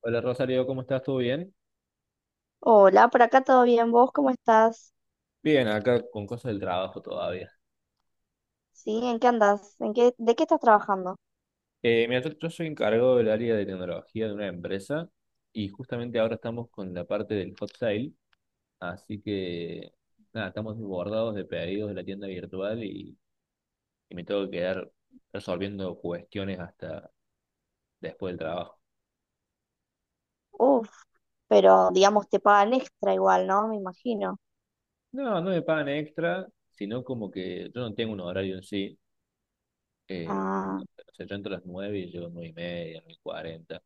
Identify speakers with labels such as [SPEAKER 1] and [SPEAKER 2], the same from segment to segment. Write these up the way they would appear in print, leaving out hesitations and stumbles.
[SPEAKER 1] Hola Rosario, ¿cómo estás? ¿Todo bien?
[SPEAKER 2] Hola, por acá todo bien. ¿Vos cómo estás?
[SPEAKER 1] Bien, acá con cosas del trabajo todavía.
[SPEAKER 2] ¿Sí? ¿En qué andás? ¿De qué estás trabajando?
[SPEAKER 1] Mira, yo soy encargado del área de tecnología de una empresa y justamente ahora estamos con la parte del hot sale, así que nada, estamos desbordados de pedidos de la tienda virtual y me tengo que quedar resolviendo cuestiones hasta después del trabajo.
[SPEAKER 2] Uf, pero digamos te pagan extra igual, ¿no? Me imagino.
[SPEAKER 1] No, no me pagan extra, sino como que yo no tengo un horario en sí. Eh,
[SPEAKER 2] Ah,
[SPEAKER 1] o sea, yo entro a las 9 y llego a 9 y media, 9 y cuarenta.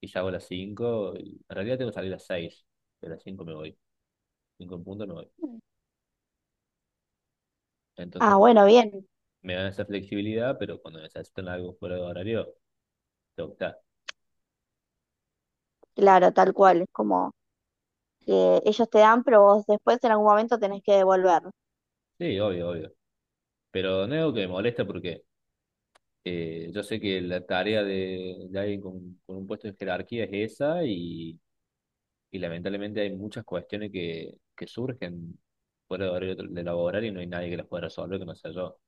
[SPEAKER 1] Y salgo a las cinco, y en realidad tengo que salir a las seis, pero a las 5 me voy. Cinco en punto me voy. Entonces
[SPEAKER 2] ah, bueno, bien.
[SPEAKER 1] me dan esa flexibilidad, pero cuando necesitan algo fuera de horario, tengo que estar.
[SPEAKER 2] Claro, tal cual. Es como que ellos te dan, pero vos después en algún momento tenés que devolver.
[SPEAKER 1] Sí, obvio, obvio. Pero no es algo que me molesta porque yo sé que la tarea de alguien con un puesto en jerarquía es esa, y lamentablemente hay muchas cuestiones que surgen fuera de horario de laboral, y no hay nadie que las pueda resolver que no sea yo.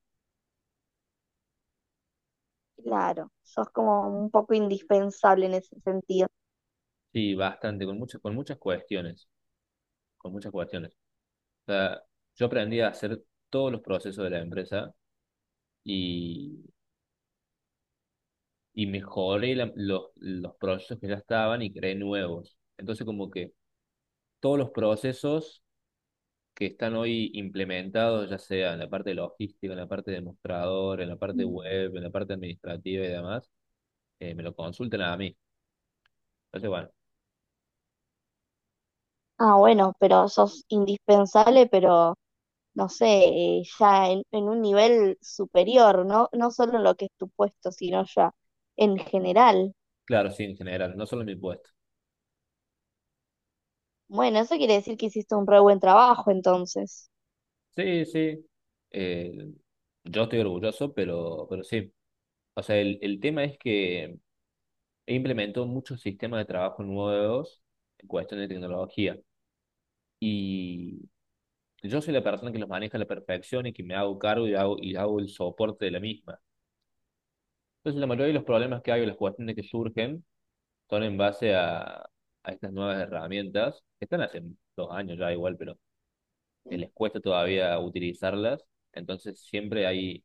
[SPEAKER 2] Claro, sos como un poco indispensable en ese sentido.
[SPEAKER 1] Sí, bastante, con muchas cuestiones, con muchas cuestiones. O sea, yo aprendí a hacer todos los procesos de la empresa, y, y mejoré los procesos que ya estaban y creé nuevos. Entonces, como que todos los procesos que están hoy implementados, ya sea en la parte logística, en la parte de mostrador, en la parte web, en la parte administrativa y demás, me lo consultan a mí. Entonces, bueno,
[SPEAKER 2] Ah, bueno, pero sos indispensable, pero no sé, ya en un nivel superior, ¿no? No solo en lo que es tu puesto, sino ya en general.
[SPEAKER 1] claro, sí, en general, no solo en mi puesto.
[SPEAKER 2] Bueno, eso quiere decir que hiciste un re buen trabajo, entonces.
[SPEAKER 1] Sí, sí. Eh, yo estoy orgulloso, pero sí. O sea, el tema es que implementó muchos sistemas de trabajo nuevos en cuestión de tecnología. Y yo soy la persona que los maneja a la perfección y que me hago cargo y hago, el soporte de la misma. Entonces, la mayoría de los problemas que hay o las cuestiones que surgen son en base a estas nuevas herramientas, que están hace 2 años ya igual, pero les cuesta todavía utilizarlas. Entonces, siempre hay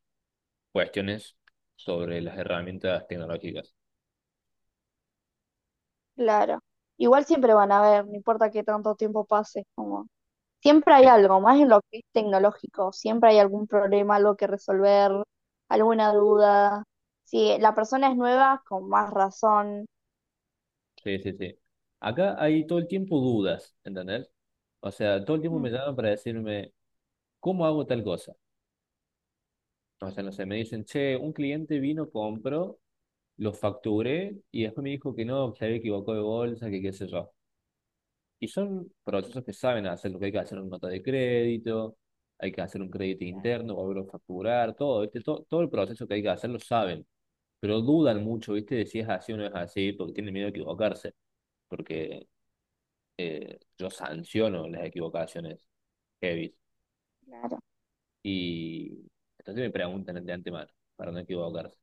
[SPEAKER 1] cuestiones sobre las herramientas tecnológicas.
[SPEAKER 2] Claro. Igual siempre van a ver, no importa qué tanto tiempo pase, como siempre hay
[SPEAKER 1] Sí,
[SPEAKER 2] algo, más en lo que es tecnológico, siempre hay algún problema, algo que resolver, alguna duda. Si la persona es nueva, con más razón.
[SPEAKER 1] sí, sí, sí. Acá hay todo el tiempo dudas, ¿entendés? O sea, todo el tiempo me
[SPEAKER 2] Mm.
[SPEAKER 1] llaman para decirme, ¿cómo hago tal cosa? O sea, no sé, me dicen, che, un cliente vino, compró, lo facturé y después me dijo que no, que se había equivocado de bolsa, que qué sé yo. Y son procesos que saben hacer. Lo que hay que hacer una nota de crédito, hay que hacer un crédito interno, volverlo a facturar, todo, ¿viste? Todo, todo el proceso que hay que hacer lo saben. Pero dudan mucho, ¿viste? De si es así o no es así, porque tienen miedo a equivocarse, porque yo sanciono las equivocaciones heavy.
[SPEAKER 2] Claro.
[SPEAKER 1] Y entonces me preguntan de antemano, para no equivocarse.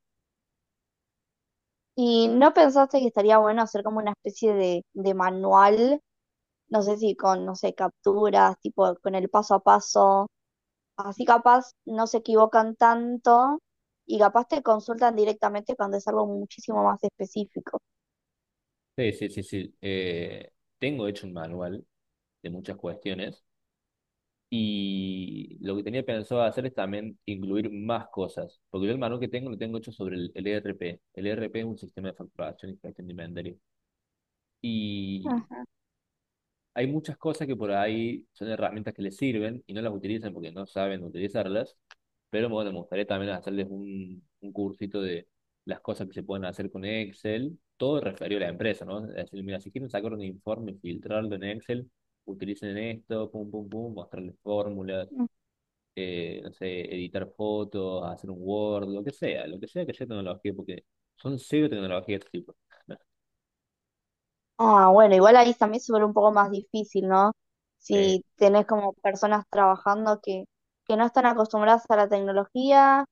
[SPEAKER 2] ¿Y no pensaste que estaría bueno hacer como una especie de manual? No sé si con, no sé, capturas, tipo con el paso a paso. Así capaz no se equivocan tanto y capaz te consultan directamente cuando es algo muchísimo más específico.
[SPEAKER 1] Sí, sí, sí, sí. Tengo hecho un manual de muchas cuestiones, y lo que tenía pensado hacer es también incluir más cosas, porque yo el manual que tengo lo tengo hecho sobre el ERP. El ERP es un sistema de facturación y gestión de inventario. Y
[SPEAKER 2] Ajá.
[SPEAKER 1] hay muchas cosas que por ahí son herramientas que les sirven y no las utilizan porque no saben utilizarlas, pero bueno, me gustaría también hacerles un cursito de las cosas que se pueden hacer con Excel, todo referido a la empresa, ¿no? Es decir, mira, si quieren sacar un informe, filtrarlo en Excel, utilicen esto, pum, pum, pum, mostrarles fórmulas, no sé, editar fotos, hacer un Word, lo que sea tecnología, porque son cero tecnología de este tipo.
[SPEAKER 2] Ah, bueno, igual ahí también se vuelve un poco más difícil, ¿no?
[SPEAKER 1] Eh,
[SPEAKER 2] Si tenés como personas trabajando que no están acostumbradas a la tecnología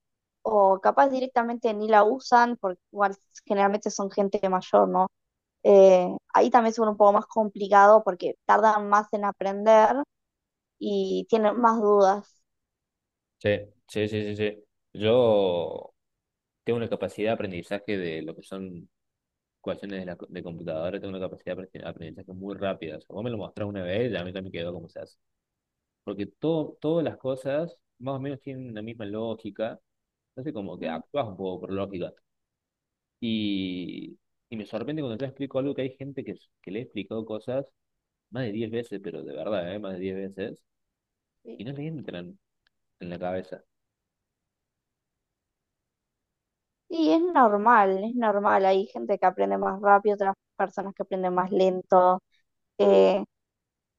[SPEAKER 2] o capaz directamente ni la usan, porque igual generalmente son gente mayor, ¿no? Eh, Ahí también se vuelve un poco más complicado porque tardan más en aprender y tienen más dudas.
[SPEAKER 1] Sí, sí, sí, sí, sí. Yo tengo una capacidad de aprendizaje de lo que son ecuaciones de, la, de computadora, tengo una capacidad de aprendizaje muy rápida. O sea, vos me lo mostrás una vez y a mí también quedó como se hace. Porque todo, todas las cosas más o menos tienen la misma lógica. Entonces como que
[SPEAKER 2] Mm.
[SPEAKER 1] actúas un poco por lógica. Y, y me sorprende cuando te explico algo que hay gente que le he explicado cosas más de 10 veces, pero de verdad, ¿eh? Más de 10 veces,
[SPEAKER 2] Sí,
[SPEAKER 1] y no le entran en la cabeza.
[SPEAKER 2] sí, es normal, es normal. Hay gente que aprende más rápido, otras personas que aprenden más lento. Eh,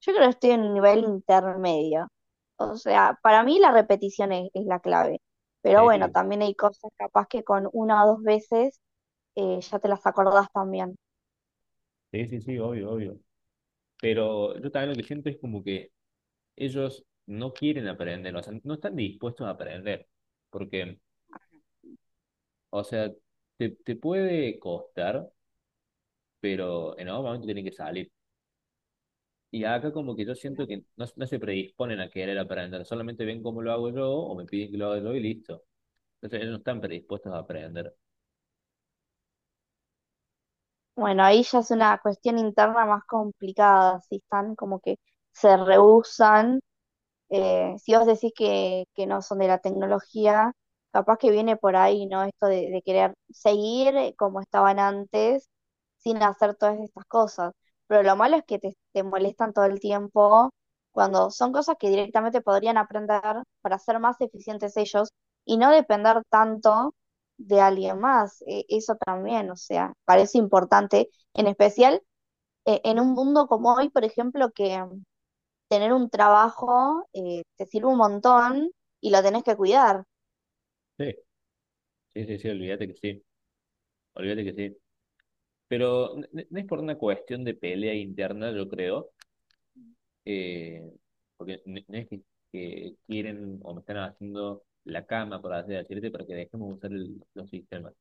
[SPEAKER 2] Yo creo que estoy en un nivel intermedio. O sea, para mí la repetición es la clave. Pero bueno,
[SPEAKER 1] Sí,
[SPEAKER 2] también hay cosas capaz que con una o dos veces ya te las acordás también.
[SPEAKER 1] sí, sí, sí, obvio, obvio. Pero yo también lo que siento es como que ellos no quieren aprender, o sea, no están dispuestos a aprender, porque, o sea, te puede costar, pero en algún momento tienen que salir. Y acá como que yo siento
[SPEAKER 2] Claro.
[SPEAKER 1] que no, no se predisponen a querer aprender, solamente ven cómo lo hago yo o me piden que lo haga yo y listo. Entonces ellos no están predispuestos a aprender.
[SPEAKER 2] Bueno, ahí ya es una cuestión interna más complicada, si están como que se rehusan. Si vos decís que no son de la tecnología, capaz que viene por ahí, ¿no? Esto de querer seguir como estaban antes sin hacer todas estas cosas. Pero lo malo es que te molestan todo el tiempo cuando son cosas que directamente podrían aprender para ser más eficientes ellos y no depender tanto de alguien más. Eso también, o sea, parece importante, en especial en un mundo como hoy, por ejemplo, que tener un trabajo te sirve un montón y lo tenés que cuidar.
[SPEAKER 1] Sí, sí, sí, sí, olvídate que sí, olvídate que sí. Pero no es por una cuestión de pelea interna, yo creo, eh, porque no es que quieren o me están haciendo la cama por hacer decirte para que dejemos usar los sistemas.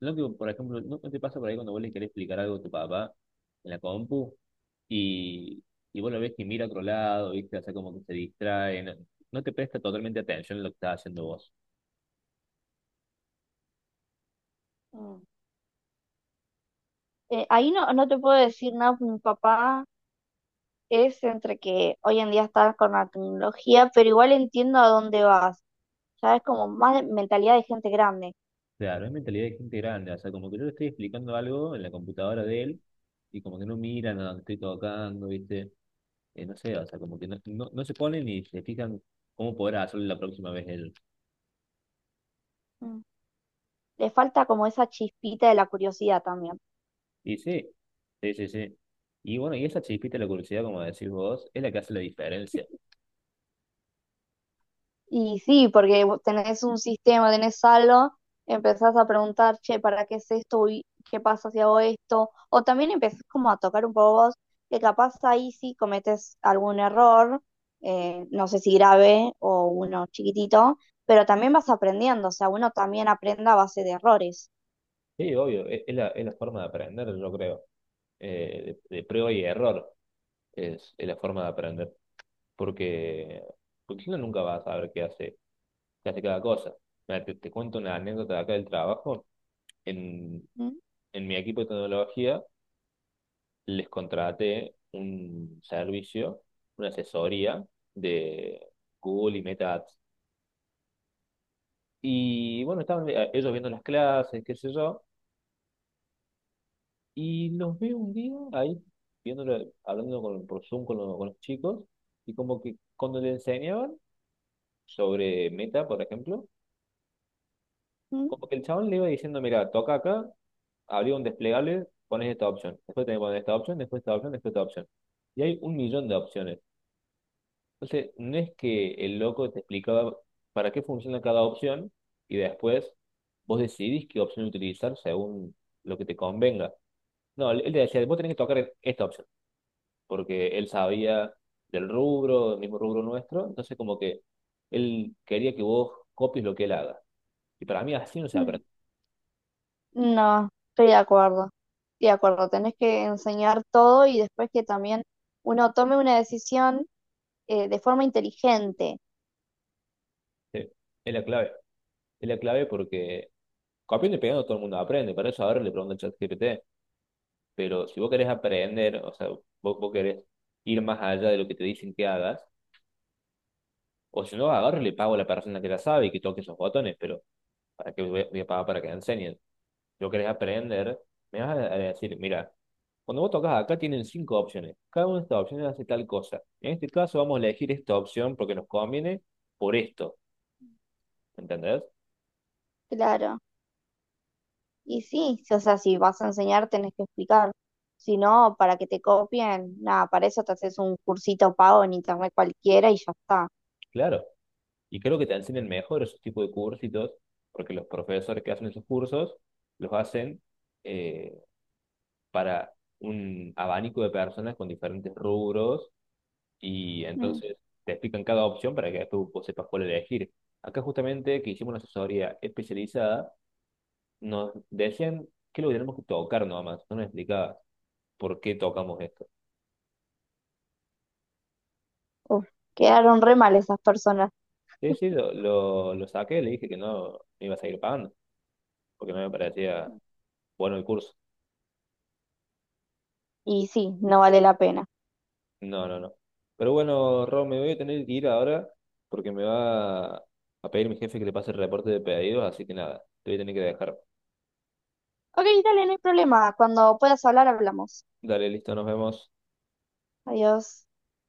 [SPEAKER 1] Lo que, por ejemplo, ¿no te pasa por ahí cuando vos le querés explicar algo a tu papá en la compu, y, y vos lo ves que mira a otro lado, ¿viste? O sea, como que se distrae, no te presta totalmente atención en lo que estás haciendo vos.
[SPEAKER 2] Mm. Ahí no, no te puedo decir nada, porque mi papá es entre que hoy en día estás con la tecnología, pero igual entiendo a dónde vas. Ya es como más mentalidad de gente grande.
[SPEAKER 1] Claro, es mentalidad de gente grande, o sea, como que yo le estoy explicando algo en la computadora de él y como que no miran a donde estoy tocando, ¿viste? No sé, o sea, como que no se ponen ni se fijan cómo poder hacerlo la próxima vez él.
[SPEAKER 2] Mm. Le falta como esa chispita de la curiosidad también.
[SPEAKER 1] Y sí, sí, sí, sí. Y bueno, y esa chispita de la curiosidad, como decís vos, es la que hace la diferencia.
[SPEAKER 2] Y sí, porque vos tenés un sistema, tenés algo, empezás a preguntar, che, ¿para qué es esto? Uy, ¿qué pasa si hago esto? O también empezás como a tocar un poco vos, que capaz ahí sí cometes algún error, no sé si grave o uno chiquitito, pero también vas aprendiendo, o sea, uno también aprende a base de errores.
[SPEAKER 1] Sí, obvio, es la forma de aprender, yo creo. De prueba y error es la forma de aprender. Porque, porque uno nunca va a saber qué hace cada cosa. Mira, te cuento una anécdota de acá del trabajo. En,
[SPEAKER 2] Mm,
[SPEAKER 1] en mi equipo de tecnología les contraté un servicio, una asesoría de Google y Meta Ads. Y bueno, estaban ellos viendo las clases, qué sé yo, y los veo un día ahí, viéndolo, hablando con, por Zoom con, con los chicos, y como que cuando le enseñaban sobre Meta, por ejemplo,
[SPEAKER 2] mm,
[SPEAKER 1] como que el chabón le iba diciendo, mira, toca acá, abría un desplegable, pones esta opción, después tenés que poner esta opción, después esta opción, después esta opción. Y hay 1 millón de opciones. Entonces, no es que el loco te explicaba para qué funciona cada opción y después vos decidís qué opción utilizar según lo que te convenga. No, él te decía, vos tenés que tocar esta opción, porque él sabía del rubro, del mismo rubro nuestro, entonces como que él quería que vos copies lo que él haga. Y para mí así no se
[SPEAKER 2] mm.
[SPEAKER 1] aprende.
[SPEAKER 2] No, estoy de acuerdo. Estoy de acuerdo, tenés que enseñar todo y después que también uno tome una decisión, de forma inteligente.
[SPEAKER 1] Sí, es la clave. Es la clave porque copiando y pegando todo el mundo aprende, para eso ahora le pregunto al chat GPT. Pero si vos querés aprender, o sea, vos, vos querés ir más allá de lo que te dicen que hagas, o si no, agarro y le pago a la persona que la sabe y que toque esos botones, pero ¿para qué voy a pagar para que me enseñen? Si vos querés aprender, me vas a decir, mira, cuando vos tocas acá tienen 5 opciones, cada una de estas opciones hace tal cosa. En este caso vamos a elegir esta opción porque nos conviene por esto, ¿entendés?
[SPEAKER 2] Claro, y sí, o sea, si vas a enseñar tenés que explicar. Si no, para que te copien, nada, para eso te haces un cursito pago en internet cualquiera y ya está.
[SPEAKER 1] Claro, y creo que te enseñan mejor esos tipos de cursitos, porque los profesores que hacen esos cursos los hacen eh, para un abanico de personas con diferentes rubros, y
[SPEAKER 2] Mm.
[SPEAKER 1] entonces te explican cada opción para que después vos sepas cuál elegir. Acá justamente que hicimos una asesoría especializada, nos decían que lo que tenemos que tocar nomás, no me explicaba por qué tocamos esto.
[SPEAKER 2] Uf, quedaron re mal esas personas.
[SPEAKER 1] Sí, sí, lo saqué, le dije que no me iba a seguir pagando, porque no me parecía bueno el curso.
[SPEAKER 2] Y sí, no vale la pena.
[SPEAKER 1] No, no, no. Pero bueno, Ron, me voy a tener que ir ahora porque me va a pedir mi jefe que le pase el reporte de pedidos, así que nada, te voy a tener que dejar.
[SPEAKER 2] Ok, dale, no hay problema. Cuando puedas hablar, hablamos.
[SPEAKER 1] Dale, listo, nos vemos.
[SPEAKER 2] Adiós.